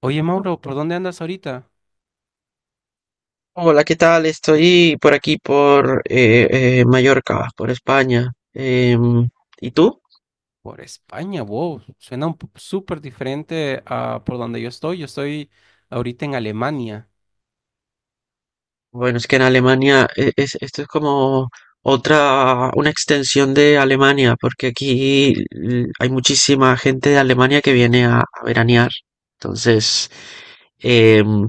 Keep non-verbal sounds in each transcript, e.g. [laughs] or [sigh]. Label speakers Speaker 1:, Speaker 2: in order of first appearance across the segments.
Speaker 1: Oye, Mauro, ¿por dónde andas ahorita?
Speaker 2: Hola, ¿qué tal? Estoy por aquí, por Mallorca, por España. ¿Y tú?
Speaker 1: Por España, wow. Suena un po- súper diferente a por donde yo estoy. Yo estoy ahorita en Alemania.
Speaker 2: Bueno, es que en Alemania esto es como otra, una extensión de Alemania, porque aquí hay muchísima gente de Alemania que viene a veranear. Entonces, em,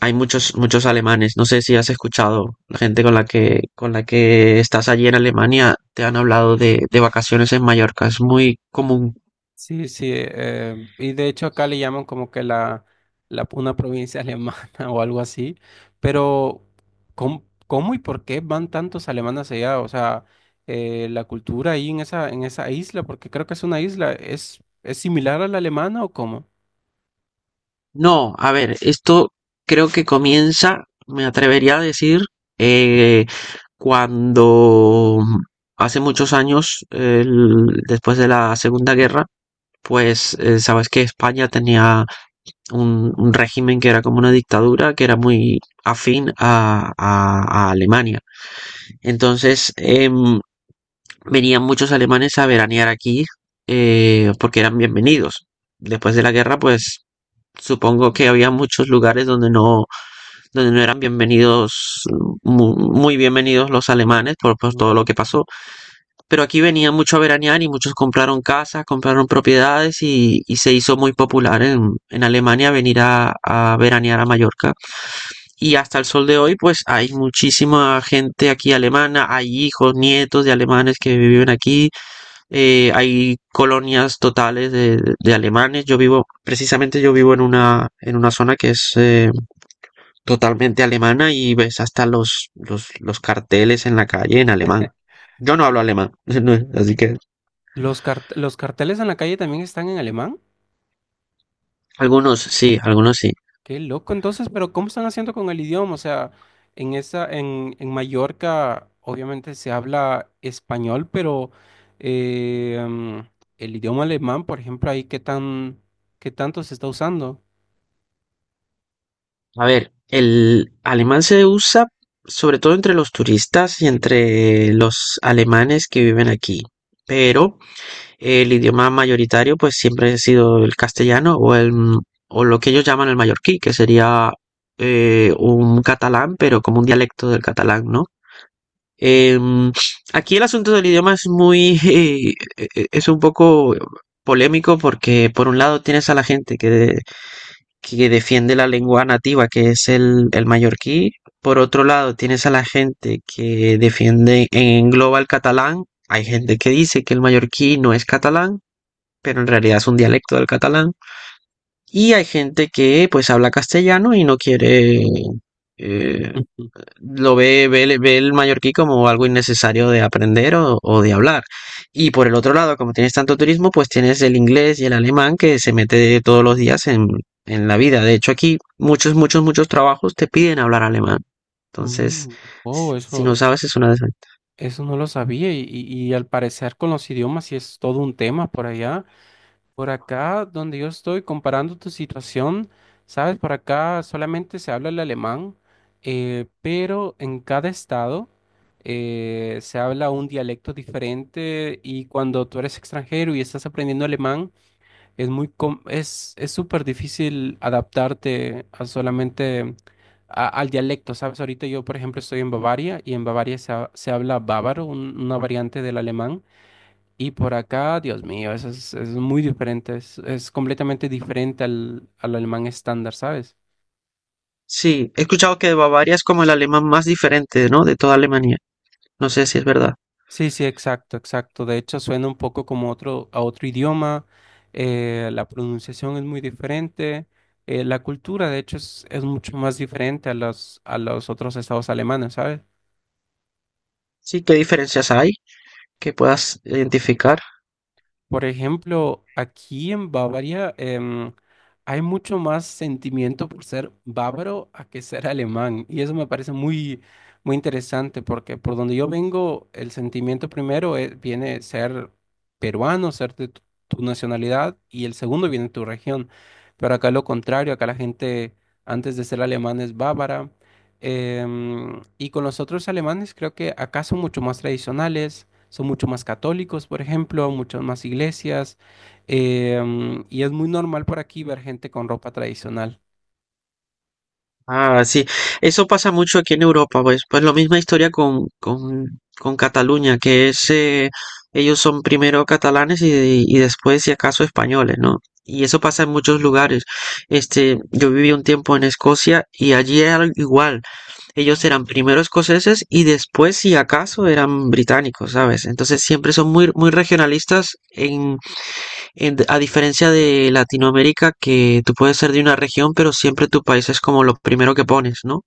Speaker 2: hay muchos alemanes. No sé si has escuchado la gente con con la que estás allí en Alemania, te han hablado de vacaciones en Mallorca. Es muy común.
Speaker 1: Sí, sí. Y de hecho acá le llaman como que la una provincia alemana [laughs] o algo así. Pero, ¿cómo y por qué van tantos alemanes allá? O sea, la cultura ahí en en esa isla, porque creo que es una isla, ¿es similar a la alemana o cómo?
Speaker 2: No, a ver, esto creo que comienza, me atrevería a decir, eh, cuando hace muchos años, después de la Segunda Guerra, pues sabes que España tenía un régimen que era como una dictadura, que era muy afín a Alemania. Entonces venían muchos alemanes a veranear aquí, porque eran bienvenidos. Después de la guerra, pues supongo que había muchos lugares donde no eran bienvenidos, muy bienvenidos los alemanes por todo
Speaker 1: Ujú.
Speaker 2: lo que pasó. Pero aquí venían mucho a veranear y muchos compraron casas, compraron propiedades y se hizo muy popular en Alemania venir a veranear a Mallorca. Y hasta el sol de hoy, pues hay muchísima gente aquí alemana, hay hijos, nietos de alemanes que viven aquí. Hay colonias totales de alemanes. Yo vivo, precisamente yo vivo en una zona que es totalmente alemana y ves hasta los carteles en la calle en alemán. Yo no hablo alemán, [laughs] así que
Speaker 1: ¿Los cart- los carteles en la calle también están en alemán?
Speaker 2: algunos sí, algunos sí.
Speaker 1: Qué loco, entonces, pero ¿cómo están haciendo con el idioma? O sea, en en Mallorca, obviamente se habla español, pero eh, mm, el idioma alemán, por ejemplo, ahí qué tanto se está usando.
Speaker 2: A ver, el alemán se usa sobre todo entre los turistas y entre los alemanes que viven aquí. Pero el idioma mayoritario pues siempre ha sido el castellano o lo que ellos llaman el mallorquí, que sería un catalán, pero como un dialecto del catalán, ¿no? Em, Aquí el asunto del idioma es muy, [laughs] es un poco polémico porque por un lado tienes a la gente que defiende la lengua nativa, que es el mallorquí, por otro lado tienes a la gente que defiende en global catalán, hay gente que dice que el mallorquí no es catalán, pero en realidad es un dialecto del catalán, y hay gente que pues habla castellano y no quiere... eh,
Speaker 1: Ujú.
Speaker 2: lo ve el mallorquí como algo innecesario de aprender o de hablar. Y por el otro lado, como tienes tanto turismo, pues tienes el inglés y el alemán que se mete todos los días en la vida. De hecho, aquí muchos trabajos te piden hablar alemán. Entonces,
Speaker 1: Mm, Oh,
Speaker 2: si no sabes, es una desventaja.
Speaker 1: eso no lo sabía, y al parecer con los idiomas sí es todo un tema por allá. Por acá, donde yo estoy, comparando tu situación, sabes, por acá solamente se habla el alemán, pero en cada estado se habla un dialecto diferente y cuando tú eres extranjero y estás aprendiendo alemán, es es súper difícil adaptarte a solamente a- al dialecto, ¿sabes? Ahorita yo, por ejemplo, estoy en Bavaria y en Bavaria se habla bávaro, un- una variante del alemán. Y por acá, Dios mío, es muy diferente, es completamente diferente al, al alemán estándar, ¿sabes?
Speaker 2: Sí, he escuchado que Bavaria es como el alemán más diferente, ¿no? De toda Alemania. No sé si es verdad.
Speaker 1: Sí, sí, exacto, exacto. De hecho, suena un poco como otro, a otro idioma, la pronunciación es muy diferente, la cultura, de hecho, es mucho más diferente a los otros estados alemanes, ¿sabes?
Speaker 2: Sí, ¿qué diferencias hay que puedas identificar?
Speaker 1: Por ejemplo, aquí en Bavaria hay mucho más sentimiento por ser bávaro a que ser alemán. Y eso me parece muy, muy interesante porque por donde yo vengo, el sentimiento primero es- viene ser peruano, ser de tu, tu nacionalidad, y el segundo viene de tu región. Pero acá lo contrario, acá la gente antes de ser alemán es bávara. Y con los otros alemanes creo que acá son mucho más tradicionales son mucho más católicos, por ejemplo, muchas más iglesias, eh, y es muy normal por aquí ver gente con ropa tradicional.
Speaker 2: Ah, sí, eso pasa mucho aquí en Europa, pues, pues la misma historia con Cataluña, que es, ellos son primero catalanes y después, si acaso, españoles, ¿no? Y eso pasa en muchos lugares. Este, yo viví un tiempo en Escocia y allí era igual. Ellos eran primero escoceses y después, si acaso, eran británicos, ¿sabes? Entonces siempre son muy, muy regionalistas a diferencia de Latinoamérica, que tú puedes ser de una región, pero siempre tu país es como lo primero que pones, ¿no?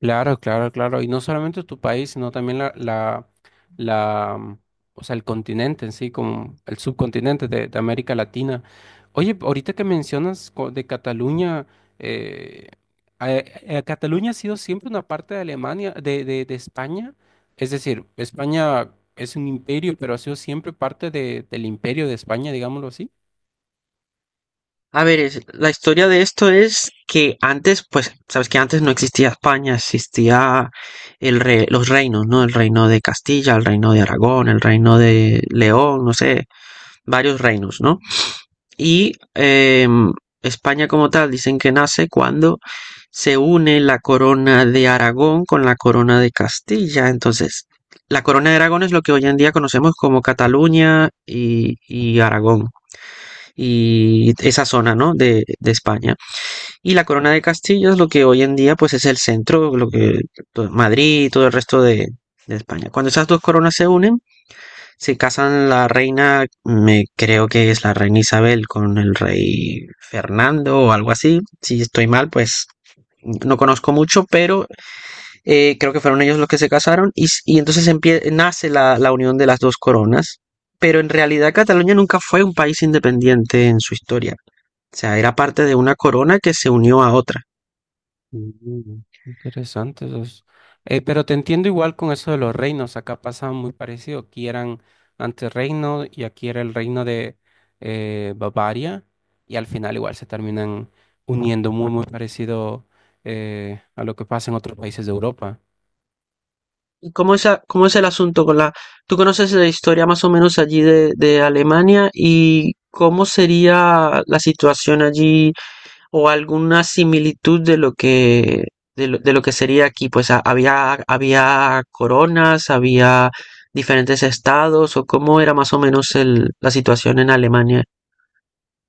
Speaker 1: Claro, claro, claro. Y no solamente tu país, sino también la, mm, o sea, el continente en sí, como el subcontinente de América Latina. Oye, ahorita que mencionas co- de Cataluña, eh, a- Cataluña ha sido siempre una parte de Alemania, de España. Es decir, España es un imperio, pero ha sido siempre parte de- del imperio de España, digámoslo así.
Speaker 2: A ver, la historia de esto es que antes, pues, sabes que antes no existía España, existía los reinos, ¿no? El reino de Castilla, el reino de Aragón, el reino de León, no sé, varios reinos, ¿no? Y eh, España como tal dicen que nace cuando se une la corona de Aragón con la corona de Castilla. Entonces, la corona de Aragón es lo que hoy en día conocemos como Cataluña y Aragón y esa zona, ¿no? De España. Y la corona de Castilla es lo que hoy en día pues es el centro, lo que pues, Madrid y todo el resto de España. Cuando esas dos coronas se unen, se casan la reina, me creo que es la reina Isabel con el rey Fernando o algo así. Si estoy mal, pues no conozco mucho, pero creo que fueron ellos los que se casaron y entonces nace la unión de las dos coronas. Pero en realidad Cataluña nunca fue un país independiente en su historia. O sea, era parte de una corona que se unió a otra.
Speaker 1: Mm, Interesante esos. Pero te entiendo igual con eso de los reinos. Acá pasaba muy parecido. Aquí eran antes reino y aquí era el reino de Bavaria. Y al final igual se terminan uniendo muy, muy parecido a lo que pasa en otros países de Europa.
Speaker 2: ¿Y cómo es, cómo es el asunto con la... Tú conoces la historia más o menos allí de Alemania y cómo sería la situación allí o alguna similitud de lo que, de lo que sería aquí. Pues había coronas, había diferentes estados o cómo era más o menos la situación en Alemania.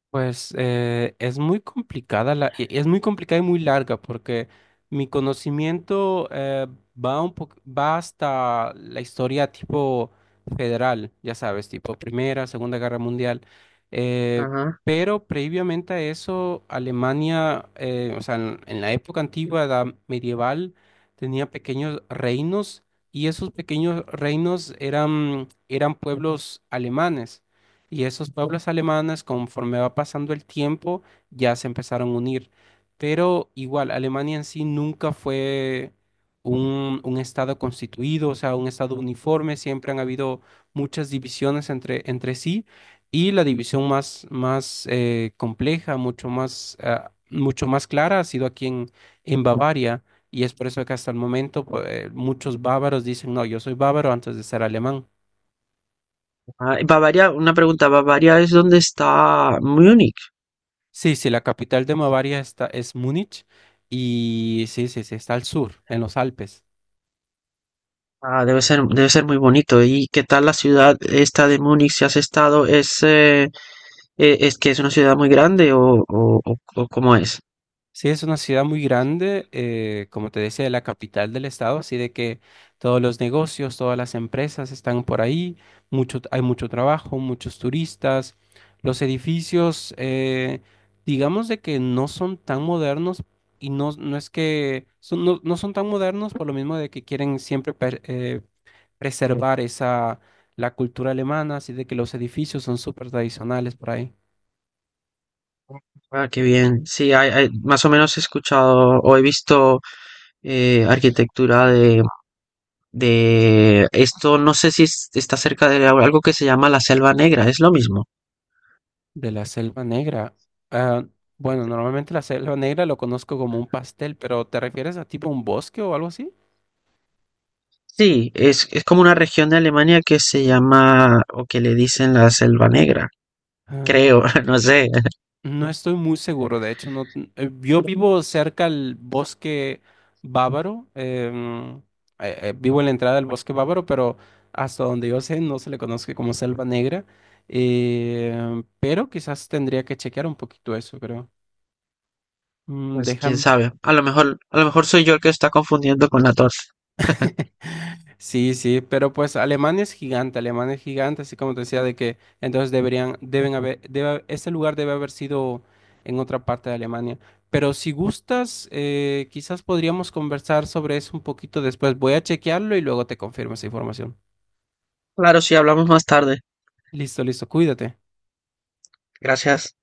Speaker 1: Pues es muy complicada es muy complicada y muy larga porque mi conocimiento va un po- va hasta la historia tipo federal, ya sabes, tipo Primera, Segunda Guerra Mundial. eh,
Speaker 2: Ajá.
Speaker 1: pero previamente a eso, Alemania, o sea, en la época antigua, edad medieval, tenía pequeños reinos y esos pequeños reinos eran pueblos alemanes. Y esos pueblos alemanes, conforme va pasando el tiempo, ya se empezaron a unir. Pero igual, Alemania en sí nunca fue un estado constituido, o sea, un estado uniforme. Siempre han habido muchas divisiones entre, entre sí. Y la división más compleja, mucho más, ah, mucho más clara, ha sido aquí en Bavaria. Y es por eso que hasta el momento pues, muchos bávaros dicen, no, yo soy bávaro antes de ser alemán.
Speaker 2: Ah, Bavaria, una pregunta, ¿Bavaria es donde está Múnich?
Speaker 1: Sí, sí, la capital de Bavaria es Múnich y sí, sí, sí, está al sur, en los Alpes.
Speaker 2: Ah, debe ser muy bonito. ¿Y qué tal la ciudad esta de Múnich si has estado? Es que es una ciudad muy grande o, o cómo es?
Speaker 1: Sí, es una ciudad muy grande, como te decía, la capital del estado, así de que todos los negocios, todas las empresas están por ahí, mucho, hay mucho trabajo, muchos turistas, los edificios, digamos de que no son tan modernos y no, no, no son tan modernos por lo mismo de que quieren siempre preservar la cultura alemana, así de que los edificios son súper tradicionales por ahí.
Speaker 2: Ah, qué bien. Sí, más o menos he escuchado o he visto arquitectura de esto, no sé si está cerca de algo que se llama la Selva Negra, es lo mismo.
Speaker 1: De la Selva Negra. ah, bueno, normalmente la Selva Negra lo conozco como un pastel, pero ¿te refieres a tipo un bosque o algo así?
Speaker 2: Sí, es como una región de Alemania que se llama o que le dicen la Selva Negra,
Speaker 1: Ah,
Speaker 2: creo, [laughs] no sé.
Speaker 1: no estoy muy seguro, de hecho, no, yo vivo cerca al bosque bávaro, vivo en la entrada del bosque bávaro, pero hasta donde yo sé no se le conoce como Selva Negra, pero quizás tendría que chequear un poquito eso, creo.
Speaker 2: Pues quién
Speaker 1: Déjame.
Speaker 2: sabe, a lo mejor soy yo el que está confundiendo con la torta. [laughs]
Speaker 1: [laughs] Sí, sí, pero pues Alemania es gigante, así como te decía, de que entonces deberían, deben haber, debe, ese lugar debe haber sido en otra parte de Alemania. Pero si gustas, quizás podríamos conversar sobre eso un poquito después. Voy a chequearlo y luego te confirmo esa información.
Speaker 2: Claro, sí, hablamos más tarde.
Speaker 1: Listo, listo, cuídate.
Speaker 2: Gracias.